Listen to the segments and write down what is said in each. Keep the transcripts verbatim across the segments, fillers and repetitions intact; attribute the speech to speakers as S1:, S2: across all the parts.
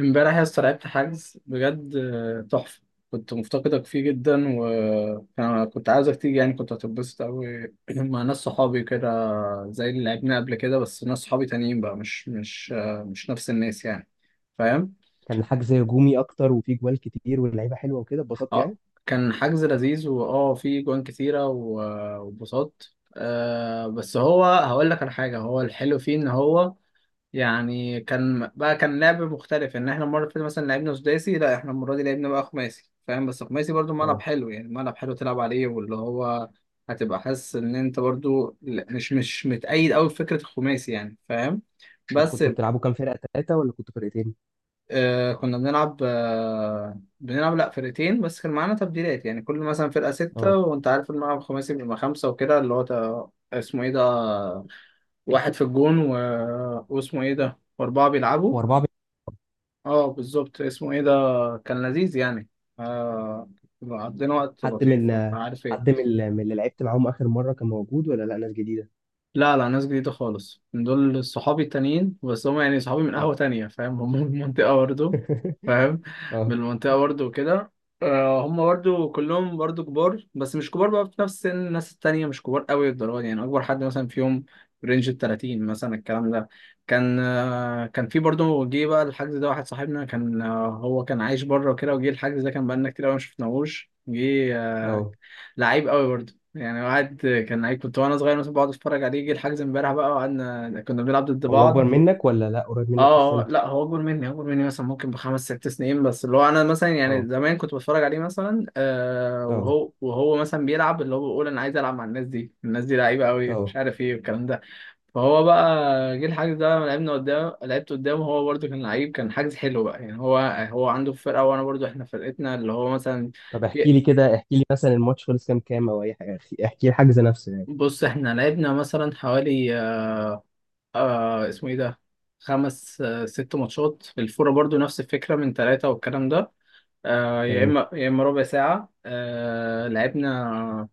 S1: امبارح يا اسطى لعبت حجز بجد، آه، تحفة. كنت مفتقدك فيه جدا، وكنت عاوزك تيجي، يعني كنت هتتبسط أوي مع ناس صحابي كده، زي اللي لعبنا قبل كده، بس ناس صحابي تانيين بقى، مش مش آه، مش نفس الناس يعني. فاهم؟
S2: كان حجز هجومي اكتر وفيه جوال كتير واللعيبه حلوه وكده اتبسطت
S1: اه.
S2: يعني.
S1: كان حجز لذيذ، واه في جوان كتيرة و- وانبسطت. آه، بس هو هقول لك على حاجة، هو الحلو فيه إن هو يعني، كان بقى كان لعب مختلف. ان احنا المره اللي فاتت مثلا لعبنا سداسي، لا احنا المره دي لعبنا بقى خماسي، فاهم؟ بس خماسي برضو ملعب
S2: اه.
S1: حلو يعني، ملعب حلو تلعب عليه، واللي هو هتبقى حاسس ان انت برضو ل- مش مش متأيد قوي بفكره الخماسي يعني، فاهم؟
S2: انتوا
S1: بس
S2: كنتوا بتلعبوا كام فرقه؟ ثلاثه ولا كنتوا فرقتين؟
S1: آه كنا بنلعب، آه بنلعب لا فرقتين، بس كان معانا تبديلات، يعني كل مثلا فرقه سته.
S2: اه.
S1: وانت عارف الملعب الخماسي بيبقى خمسه وكده، اللي هو تا- اسمه ايه ده، واحد في الجون و... واسمه ايه ده، واربعه بيلعبوا.
S2: واربعه بي-
S1: اه بالظبط، اسمه ايه ده. كان لذيذ يعني. آه، عدينا وقت
S2: حد من
S1: لطيف مش عارف ايه.
S2: حد من ال- من اللي لعبت معاهم اخر مره كان موجود ولا لا؟ ناس جديده؟
S1: لا لا، ناس جديدة خالص، من دول صحابي التانيين، بس هم يعني صحابي من
S2: اه.
S1: قهوة تانية، فاهم؟ هم من المنطقة برضه. فاهم؟ من
S2: اه.
S1: المنطقة برضه وكده. آه، هم برضه كلهم برضه كبار، بس مش كبار بقى، في نفس سن الناس التانية، مش كبار قوي للدرجة دي. يعني أكبر حد مثلا فيهم رينج ال تلاتين مثلا الكلام ده. كان آه، كان في برضه جه بقى الحجز ده واحد صاحبنا، كان آه، هو كان عايش بره وكده، وجه الحجز ده كان بقالنا كتير قوي ما شفناهوش جه.
S2: اه.
S1: لعيب قوي برضه يعني، واحد كان لعيب كنت وانا صغير مثلا بقعد اتفرج عليه، يجي الحجز امبارح بقى وقعدنا كنا بنلعب ضد
S2: هو اكبر
S1: بعض.
S2: منك ولا لا؟ قريب
S1: اه
S2: منك في
S1: آه،
S2: السن؟
S1: لا هو اكبر مني، اكبر مني مثلا ممكن بخمس ست سنين. بس اللي هو انا مثلا يعني
S2: اه.
S1: زمان كنت بتفرج عليه مثلا، آه
S2: اه.
S1: وهو وهو مثلا بيلعب، اللي هو بيقول انا عايز العب مع الناس دي، الناس دي لعيبه قوي مش
S2: اه.
S1: عارف ايه والكلام ده. فهو بقى جه الحجز ده لما لعبنا قدام، لعبت قدامه، هو برضه كان لعيب، كان حجز حلو بقى يعني. هو هو عنده فرقه، وانا برضه احنا فرقتنا اللي هو مثلا
S2: طب احكي
S1: في.
S2: لي كده، احكي لي مثلا الماتش خلص كام كام او اي حاجه. احكي لي الحجز نفسه يعني.
S1: بص احنا لعبنا مثلا حوالي آه اسمه ايه ده، خمس آه ست ماتشات. الفورة برضو نفس الفكرة من ثلاثة والكلام ده. آه يا
S2: تمام.
S1: اما يا اما ربع ساعة آه لعبنا.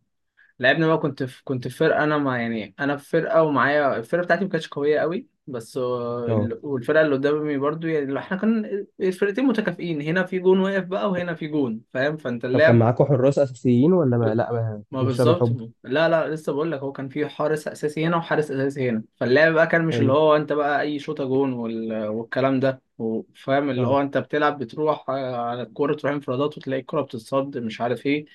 S1: لعبنا بقى، كنت في كنت في فرقة، انا مع يعني انا في فرقة، ومعايا الفرقة بتاعتي ما كانتش قوية قوي، بس آه،
S2: اه.
S1: ال- والفرقة اللي قدامي برضو، يعني لو احنا كان الفرقتين متكافئين، هنا في جون واقف بقى وهنا في جون، فاهم؟ فانت
S2: طب كان
S1: اللعب
S2: معاكم حراس اساسيين ولا ما لا ما-
S1: ما
S2: بتمشوها
S1: بالظبط.
S2: بالحب؟
S1: لا لا، لسه بقول لك، هو كان في حارس اساسي هنا وحارس اساسي هنا. فاللعب بقى كان مش اللي
S2: حلو.
S1: هو انت بقى اي شوطه جون وال... والكلام ده، وفاهم اللي هو
S2: اه.
S1: انت بتلعب، بتروح آه، على الكوره، تروح انفرادات وتلاقي الكوره بتتصد، مش عارف ايه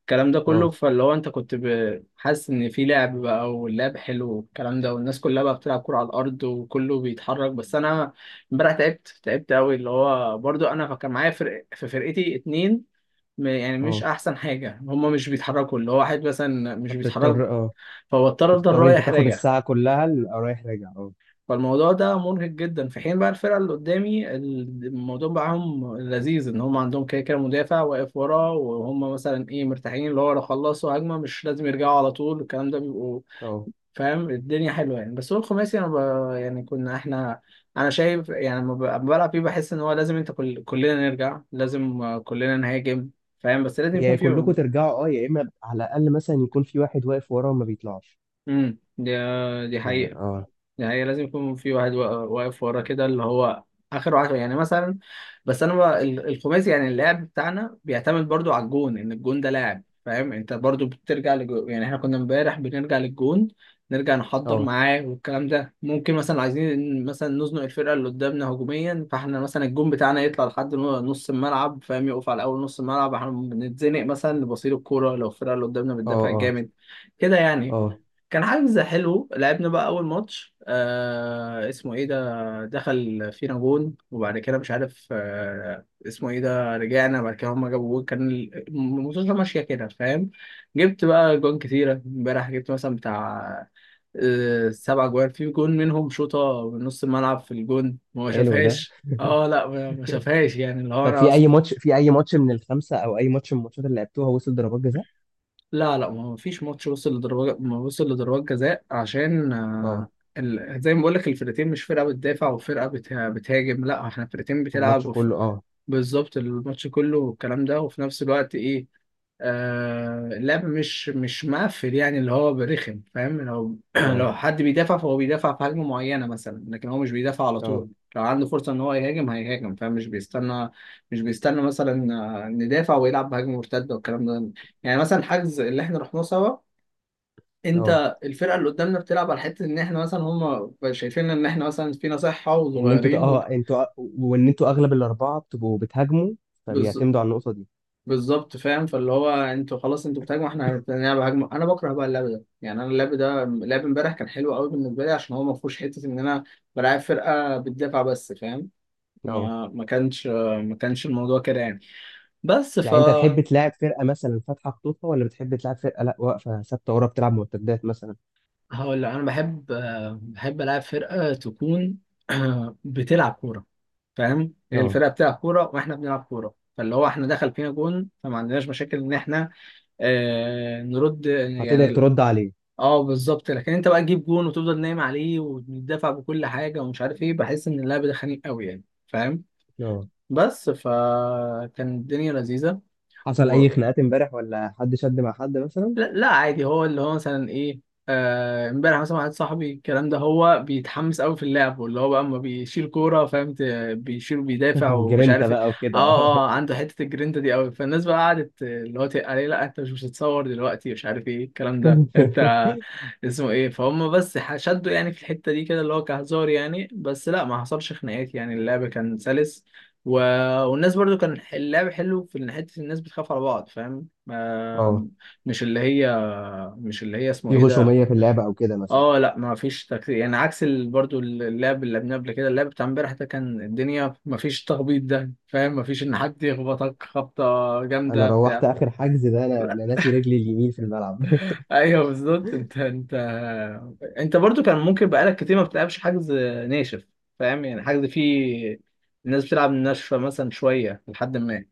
S1: الكلام ده كله.
S2: اه.
S1: فاللي هو انت كنت ب- حاسس ان في لعب بقى، واللعب حلو والكلام ده، والناس كلها بقى بتلعب كوره على الارض، وكله بيتحرك. بس انا امبارح تعبت، تعبت قوي، اللي هو برضو انا كان معايا فرق في فرقتي اتنين، م- يعني مش
S2: اه.
S1: احسن حاجه، هما مش بيتحركوا، اللي هو واحد مثلا مش بيتحرك،
S2: فبتضطر. اه.
S1: فهو اضطر افضل
S2: بتضطر انت
S1: رايح
S2: تاخد
S1: راجع.
S2: الساعة كلها ال- آه، رايح راجع. اه.
S1: فالموضوع ده مرهق جدا. في حين بقى الفرقه اللي قدامي ال- الموضوع معاهم لذيذ، ان هم عندهم كده كده مدافع واقف ورا، وهم مثلا ايه مرتاحين، اللي هو لو خلصوا هجمه مش لازم يرجعوا على طول الكلام ده بيبقوا.
S2: اه.
S1: فاهم الدنيا حلوه يعني. بس هو الخماسي انا ب... يعني كنا احنا، انا شايف يعني لما ب- لما بلعب فيه بحس ان هو لازم انت كل... كلنا نرجع، لازم آه، كلنا نهاجم، فاهم؟ بس لازم
S2: هي
S1: يكون
S2: يا
S1: في.
S2: كلكم ترجعوا، اه، يا اما على الاقل مثلا يكون في واحد واقف ورا وما بيطلعش
S1: امم دي دي
S2: يعني.
S1: حقيقة.
S2: اه.
S1: دي حقيقة، لازم يكون في واحد وا- واقف ورا كده، اللي هو آخر واحد يعني مثلا. بس أنا بقى ال- الخماسي يعني اللعب بتاعنا بيعتمد برضو على الجون، إن الجون ده لاعب، فاهم؟ أنت برضو بترجع للجون، يعني إحنا كنا امبارح بنرجع للجون، نرجع نحضر
S2: اه.
S1: معاه والكلام ده. ممكن مثلا عايزين مثلا نزنق الفرقة اللي قدامنا هجوميا، فإحنا مثلا الجون بتاعنا يطلع لحد نو- نص الملعب، فاهم؟ يقف على أول نص الملعب، إحنا بنتزنق مثلا لبصير الكورة لو الفرقة اللي قدامنا
S2: اه.
S1: بتدافع
S2: اه.
S1: جامد كده يعني.
S2: اه.
S1: كان حجز حلو. لعبنا بقى اول ماتش آه اسمه ايه ده، دخل فينا جون، وبعد كده مش عارف آه اسمه ايه ده، رجعنا بعد كده هما جابوا جون. كان ال- الماتش ماشيه كده، فاهم؟ جبت بقى جون كتيره امبارح، جبت مثلا بتاع آه سبع جوان، في جون منهم شوطه من نص الملعب في الجون وما
S2: حلو ده.
S1: شافهاش. اه لا ما ما شافهاش، يعني اللي هو
S2: طب
S1: انا
S2: في اي
S1: اصلا.
S2: ماتش، في اي ماتش من الخمسة او اي ماتش من الماتشات اللي لعبتوها وصل ضربات جزاء؟
S1: لا لا، ما فيش ماتش وصل لضربات، ما وصل لضربات جزاء، عشان آه،
S2: اه.
S1: ال... زي ما بقول لك، الفرقتين مش فرقة بتدافع وفرقة بت... بتهاجم، لا احنا فرقتين
S2: الماتش
S1: بتلعب.
S2: كله. اه.
S1: بالظبط، الماتش كله، والكلام ده. وفي نفس الوقت ايه آه اللعب مش مش مقفل يعني، اللي هو برخم، فاهم؟ لو
S2: اه.
S1: لو حد بيدافع، فهو بيدافع في هجمة معينة مثلا، لكن هو مش بيدافع على
S2: اه.
S1: طول. لو عنده فرصة ان هو يهاجم هيهاجم، فاهم؟ مش بيستنى، مش بيستنى مثلا آه، ندافع ويلعب بهجمة مرتدة والكلام ده. يعني مثلا الحجز اللي احنا رحناه سوا،
S2: اه.
S1: انت الفرقة اللي قدامنا بتلعب على حتة ان احنا مثلا، هم شايفين ان احنا مثلا فينا صحة
S2: ان انتوا ت-
S1: وصغيرين.
S2: اه انتوا وان انتوا اغلب الاربعة بتبقوا بتهاجموا، فبيعتمدوا على النقطة دي.
S1: بالظبط فاهم. فاللي هو انتوا خلاص انتوا بتهاجموا، احنا هنلعب هجمه. انا بكره بقى اللعب ده، يعني انا اللعب ده لعب امبارح كان حلو قوي بالنسبه لي، عشان هو ما فيهوش حته ان انا بلعب فرقه بتدافع بس، فاهم؟
S2: اه.
S1: ما ما كانش ما كانش الموضوع كده يعني. بس ف
S2: يعني انت تحب تلعب فرقه مثلا فاتحه خطوطها، ولا بتحب تلعب فرقه لا واقفه ثابته ورا بتلعب مرتدات مثلا؟
S1: هقول لك، انا بحب، بحب العب فرقه تكون بتلعب كوره. فاهم؟ هي
S2: اه.
S1: الفرقه بتلعب كوره واحنا بنلعب كوره، فاللي هو احنا دخل فينا جون فما عندناش مشاكل ان احنا آه، نرد
S2: هتقدر
S1: يعني.
S2: ترد عليه؟
S1: اه بالظبط. لكن انت بقى تجيب جون وتفضل نايم عليه وتدافع بكل حاجه ومش عارف ايه، بحس ان اللعب ده خنيق قوي يعني، فاهم؟
S2: اه.
S1: بس فكان الدنيا لذيذه.
S2: حصل اي خناقات امبارح ولا حد شد مع حد مثلا؟
S1: لا، لا عادي. هو اللي هو مثلا ايه آه، امبارح مثلا واحد صاحبي الكلام ده، هو بيتحمس قوي في اللعب، واللي هو بقى اما بيشيل كوره، فاهم؟ ت- بيشيل، بيدافع ومش
S2: جرينتا
S1: عارف ايه.
S2: بقى
S1: اه،
S2: وكده. اه.
S1: اه. عنده حته الجرينتا دي قوي. فالناس بقى قعدت اللي هو تقل عليه، لا انت مش بتتصور دلوقتي مش عارف ايه الكلام ده انت اسمه ايه، فهم. بس ح- شدوا يعني في الحته دي كده، اللي هو كهزار يعني. بس لا ما حصلش خناقات، يعني اللعب كان سلس. و... والناس برضو كان اللعب حلو في إن حته الناس بتخاف على بعض، فاهم؟
S2: اه.
S1: مش اللي هي، مش اللي هي اسمه
S2: في
S1: ايه ده.
S2: غشوميه في اللعبه او كده مثلا؟
S1: اه لا ما فيش تكتيك يعني عكس ال... برضو اللعب اللي لعبناه قبل كده، اللعب بتاع امبارح ده كان الدنيا ما فيش تخبيط ده، فاهم؟ ما فيش ان حد يخبطك خبطة
S2: انا
S1: جامدة
S2: روحت
S1: بتاع.
S2: اخر حجز ده، انا انا ناسي رجلي اليمين في الملعب.
S1: ايوه بالظبط، انت انت انت برضو كان ممكن بقالك كتير ما بتلعبش حجز ناشف، فاهم؟ يعني حجز فيه الناس بتلعب ناشفة مثلا شوية لحد ما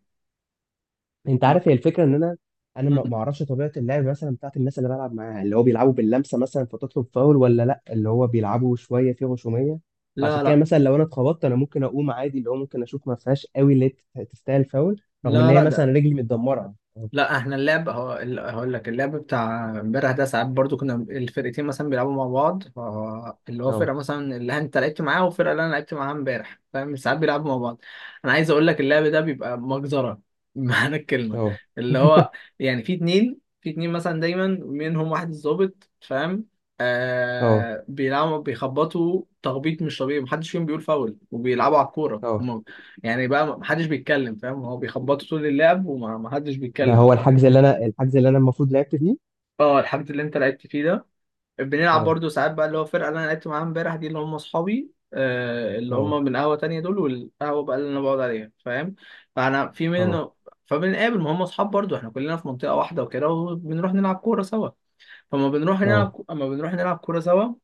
S2: انت
S1: ب-
S2: عارف هي الفكره ان انا انا
S1: مم.
S2: ما ما اعرفش طبيعه اللعب مثلا بتاعت الناس اللي بلعب معاها، اللي هو بيلعبوا باللمسه مثلا فتطلب فاول، ولا لا اللي هو بيلعبوا شويه في غشوميه؟ فعشان
S1: لا
S2: كده
S1: لا.
S2: مثلا لو انا اتخبطت انا ممكن اقوم عادي، اللي هو ممكن اشوف ما فيهاش قوي اللي هي تستاهل فاول، رغم ان
S1: لا
S2: هي
S1: لا
S2: مثلا
S1: ده
S2: رجلي متدمره.
S1: لا احنا اللعب هو ال- هقول لك اللعب بتاع امبارح ده ساعات برضو كنا الفرقتين مثلا بيلعبوا مع بعض، فهو اللي هو فرقه
S2: اه.
S1: مثلا اللي انت لعبت معاها والفرقه اللي انا لعبت معاها امبارح، فاهم؟ ساعات بيلعبوا مع بعض. انا عايز اقول لك اللعب ده بيبقى مجزره بمعنى الكلمه،
S2: اه.
S1: اللي هو يعني في اتنين في اتنين مثلا دايما منهم واحد الظابط، فاهم؟
S2: اه.
S1: آه بيلعبوا، بيخبطوا تخبيط مش طبيعي، محدش فيهم بيقول فاول وبيلعبوا على الكوره
S2: اه.
S1: هما. يعني بقى محدش بيتكلم، فاهم؟ هو بيخبطوا طول اللعب ومحدش
S2: ده
S1: بيتكلم،
S2: هو
S1: فاهم؟
S2: الحجز اللي انا الحجز اللي انا المفروض لعبت فيه.
S1: اه الحاجات اللي انت لعبت فيه ده. بنلعب
S2: اه.
S1: برضو ساعات بقى اللي هو الفرقه اللي انا لعبت معاها امبارح دي، اللي هم اصحابي آه، اللي
S2: اه.
S1: هم من قهوه تانية دول والقهوه بقى اللي انا بقعد عليها، فاهم؟ فانا في
S2: اه.
S1: منه. فبنقابل، ما هم اصحاب برضو، احنا كلنا في منطقه واحده وكده، وبنروح نلعب كوره سوا. فما بنروح
S2: اه.
S1: نلعب، اما بنروح نلعب كوره سوا،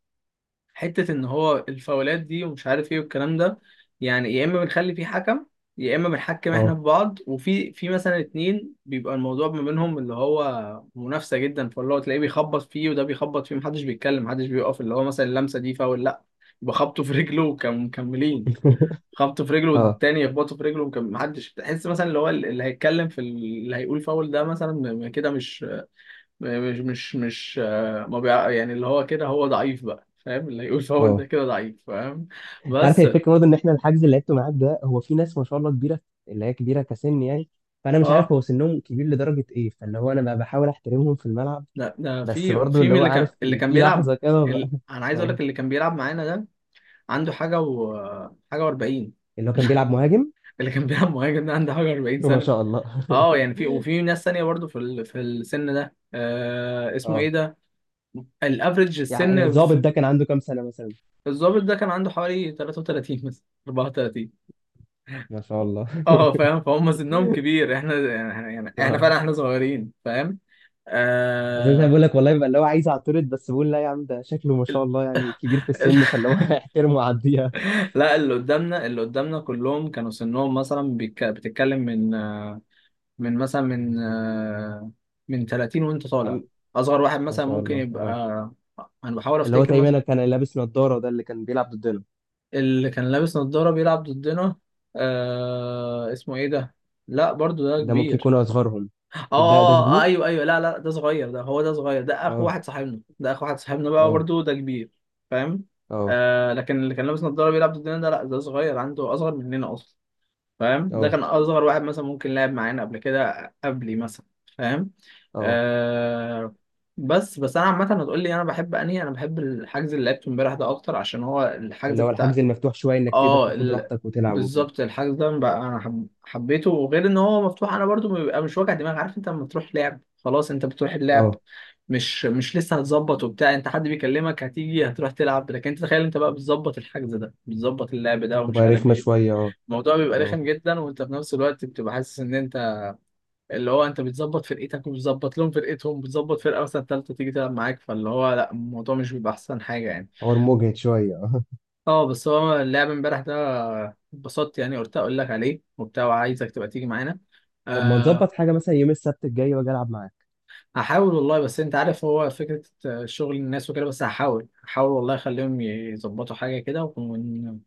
S1: حتة إن هو الفاولات دي ومش عارف إيه والكلام ده، يعني يا إما بنخلي في حكم، يا إما بنحكم إحنا
S2: اه.
S1: في بعض. وفي في مثلا اتنين بيبقى الموضوع ما بينهم اللي هو منافسة جدا، فاللي هو تلاقيه بيخبط فيه وده بيخبط فيه، محدش بيتكلم، محدش بيقف اللي هو مثلا اللمسة دي فاول، لأ. يبقى خبطه في رجله وكانوا مكملين، خبطه في رجله
S2: اه.
S1: والتاني يخبطه في رجله، وكان محدش تحس مثلا اللي هو اللي هيتكلم في ال- اللي هيقول فاول ده مثلا م- كده مش مش مش مش آه، ما بيع... يعني اللي هو كده هو ضعيف بقى، فاهم؟ اللي يقول فاول ده
S2: اه.
S1: كده ضعيف، فاهم؟
S2: انت عارف هي
S1: بس
S2: الفكره برضه ان احنا الحجز اللي لعبته معاك ده، هو في ناس ما شاء الله كبيره. اللي هي كبيره كسن يعني. فانا مش عارف
S1: اه،
S2: هو سنهم كبير لدرجه ايه، فاللي هو انا بقى بحاول احترمهم في الملعب.
S1: لا ده
S2: بس
S1: في
S2: برضه
S1: في
S2: اللي
S1: من
S2: هو
S1: اللي كان،
S2: عارف
S1: اللي
S2: في,
S1: كان
S2: في
S1: بيلعب.
S2: لحظه كده بقى.
S1: ال... انا عايز اقول
S2: اه.
S1: لك اللي كان بيلعب معانا ده عنده حاجه و، حاجه و40.
S2: اللي هو كان بيلعب مهاجم.
S1: اللي كان بيلعب مهاجم ده عنده حاجه واربعين
S2: ما
S1: سنه.
S2: شاء الله.
S1: اه يعني في وفي ناس ثانيه برضو في ال... في السن ده آه اسمه ايه
S2: اه،
S1: ده، الافريج
S2: يعني
S1: السن
S2: الظابط
S1: في.
S2: ده كان عنده كام سنه مثلا؟
S1: الضابط ده كان عنده حوالي ثلاثة وثلاثين مثلا اربعة وتلاتين.
S2: ما شاء الله.
S1: اه فاهم، فهم سنهم كبير احنا يعني، يعني احنا
S2: اه.
S1: فعلا احنا صغيرين، فاهم؟
S2: عشان انا
S1: آه...
S2: بقول لك والله بيبقى اللي هو عايز اعترض، بس بقول لا يا عم، ده شكله ما شاء الله يعني كبير في
S1: ال-
S2: السن، فاللي هو هيحترمه ويعديها.
S1: لا اللي قدامنا، اللي قدامنا كلهم كانوا سنهم مثلا، بيك... بتتكلم من آه، من مثلا من آه، من تلاتين وانت طالع.
S2: عم-
S1: اصغر واحد
S2: ما
S1: مثلا
S2: شاء
S1: ممكن
S2: الله.
S1: يبقى
S2: اه.
S1: آه، انا بحاول
S2: اللي هو
S1: افتكر مثلا.
S2: تقريبا كان لابس نضارة، ده اللي كان بيلعب ضدنا.
S1: اللي كان لابس نظارة بيلعب ضدنا آه... اسمه ايه ده، لا برضو ده
S2: ده ممكن
S1: كبير.
S2: يكون أصغرهم.
S1: اه
S2: الدق ده
S1: آه،
S2: كبير.
S1: ايوه ايوه لا لا ده صغير، ده هو ده صغير، ده اخو
S2: اه.
S1: واحد صاحبنا، ده اخو واحد صاحبنا بقى
S2: اه.
S1: برضو ده كبير، فاهم؟
S2: اه.
S1: آه لكن اللي كان لابس نضاره بيلعب ضدنا ده، لا ده صغير، عنده اصغر مننا اصلا، فاهم؟ ده
S2: اه.
S1: كان اصغر واحد مثلا ممكن لعب معانا قبل كده قبلي مثلا، فاهم؟
S2: اه.
S1: آه. بس بس انا عامه هتقول لي انا بحب انهي، انا بحب الحجز اللي لعبته امبارح ده اكتر، عشان هو الحجز
S2: اللي هو الحجز
S1: بتاع
S2: المفتوح شوية، إنك تقدر
S1: اه
S2: تاخد
S1: ال...
S2: راحتك وتلعب وكده.
S1: بالظبط. الحجز ده بقى انا حب... حبيته. وغير ان هو مفتوح، انا برضو بيبقى مش وجع دماغ. عارف انت لما تروح لعب خلاص انت بتروح اللعب،
S2: اه.
S1: مش مش لسه هتظبط وبتاع، انت حد بيكلمك هتيجي هتروح تلعب. لكن انت تخيل انت بقى بتظبط الحجز ده، بتظبط اللعب ده، ومش
S2: تبقى
S1: عارف
S2: رخمة
S1: ايه،
S2: شوية. اه.
S1: الموضوع بيبقى
S2: اه.
S1: رخم جدا. وانت في نفس الوقت بتبقى حاسس ان انت اللي هو انت بتظبط فرقتك وبتظبط لهم فرقتهم، بتظبط فرقه مثلا ثالثه تيجي تلعب معاك، فاللي هو لا الموضوع مش بيبقى احسن حاجه يعني.
S2: حوار مجهد شوية. اه.
S1: اه بس هو اللعب امبارح ده، اتبسطت يعني، قلت اقول لك عليه وبتاع، وعايزك تبقى تيجي معانا.
S2: طب ما
S1: أه
S2: نظبط حاجة مثلا يوم السبت الجاي وأجي ألعب معاك؟
S1: هحاول والله، بس انت عارف هو فكرة آه، شغل الناس وكده. بس هحاول هحاول والله، اخليهم يظبطوا حاجة كده، ون...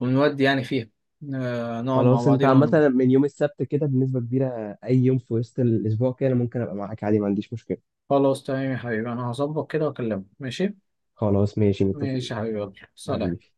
S1: ونودي يعني فيها. أه نقعد مع
S2: خلاص أنت
S1: بعضينا
S2: عامة،
S1: ونبقى.
S2: من يوم السبت كده بنسبة كبيرة أي يوم في وسط الأسبوع كده أنا ممكن أبقى معاك عادي، ما عنديش مشكلة.
S1: خلاص تمام يا حبيبي، انا هظبط كده واكلمك، ماشي.
S2: خلاص ماشي متفقين.
S1: ماشي يا حبيبي، يلا سلام.
S2: حبيبي.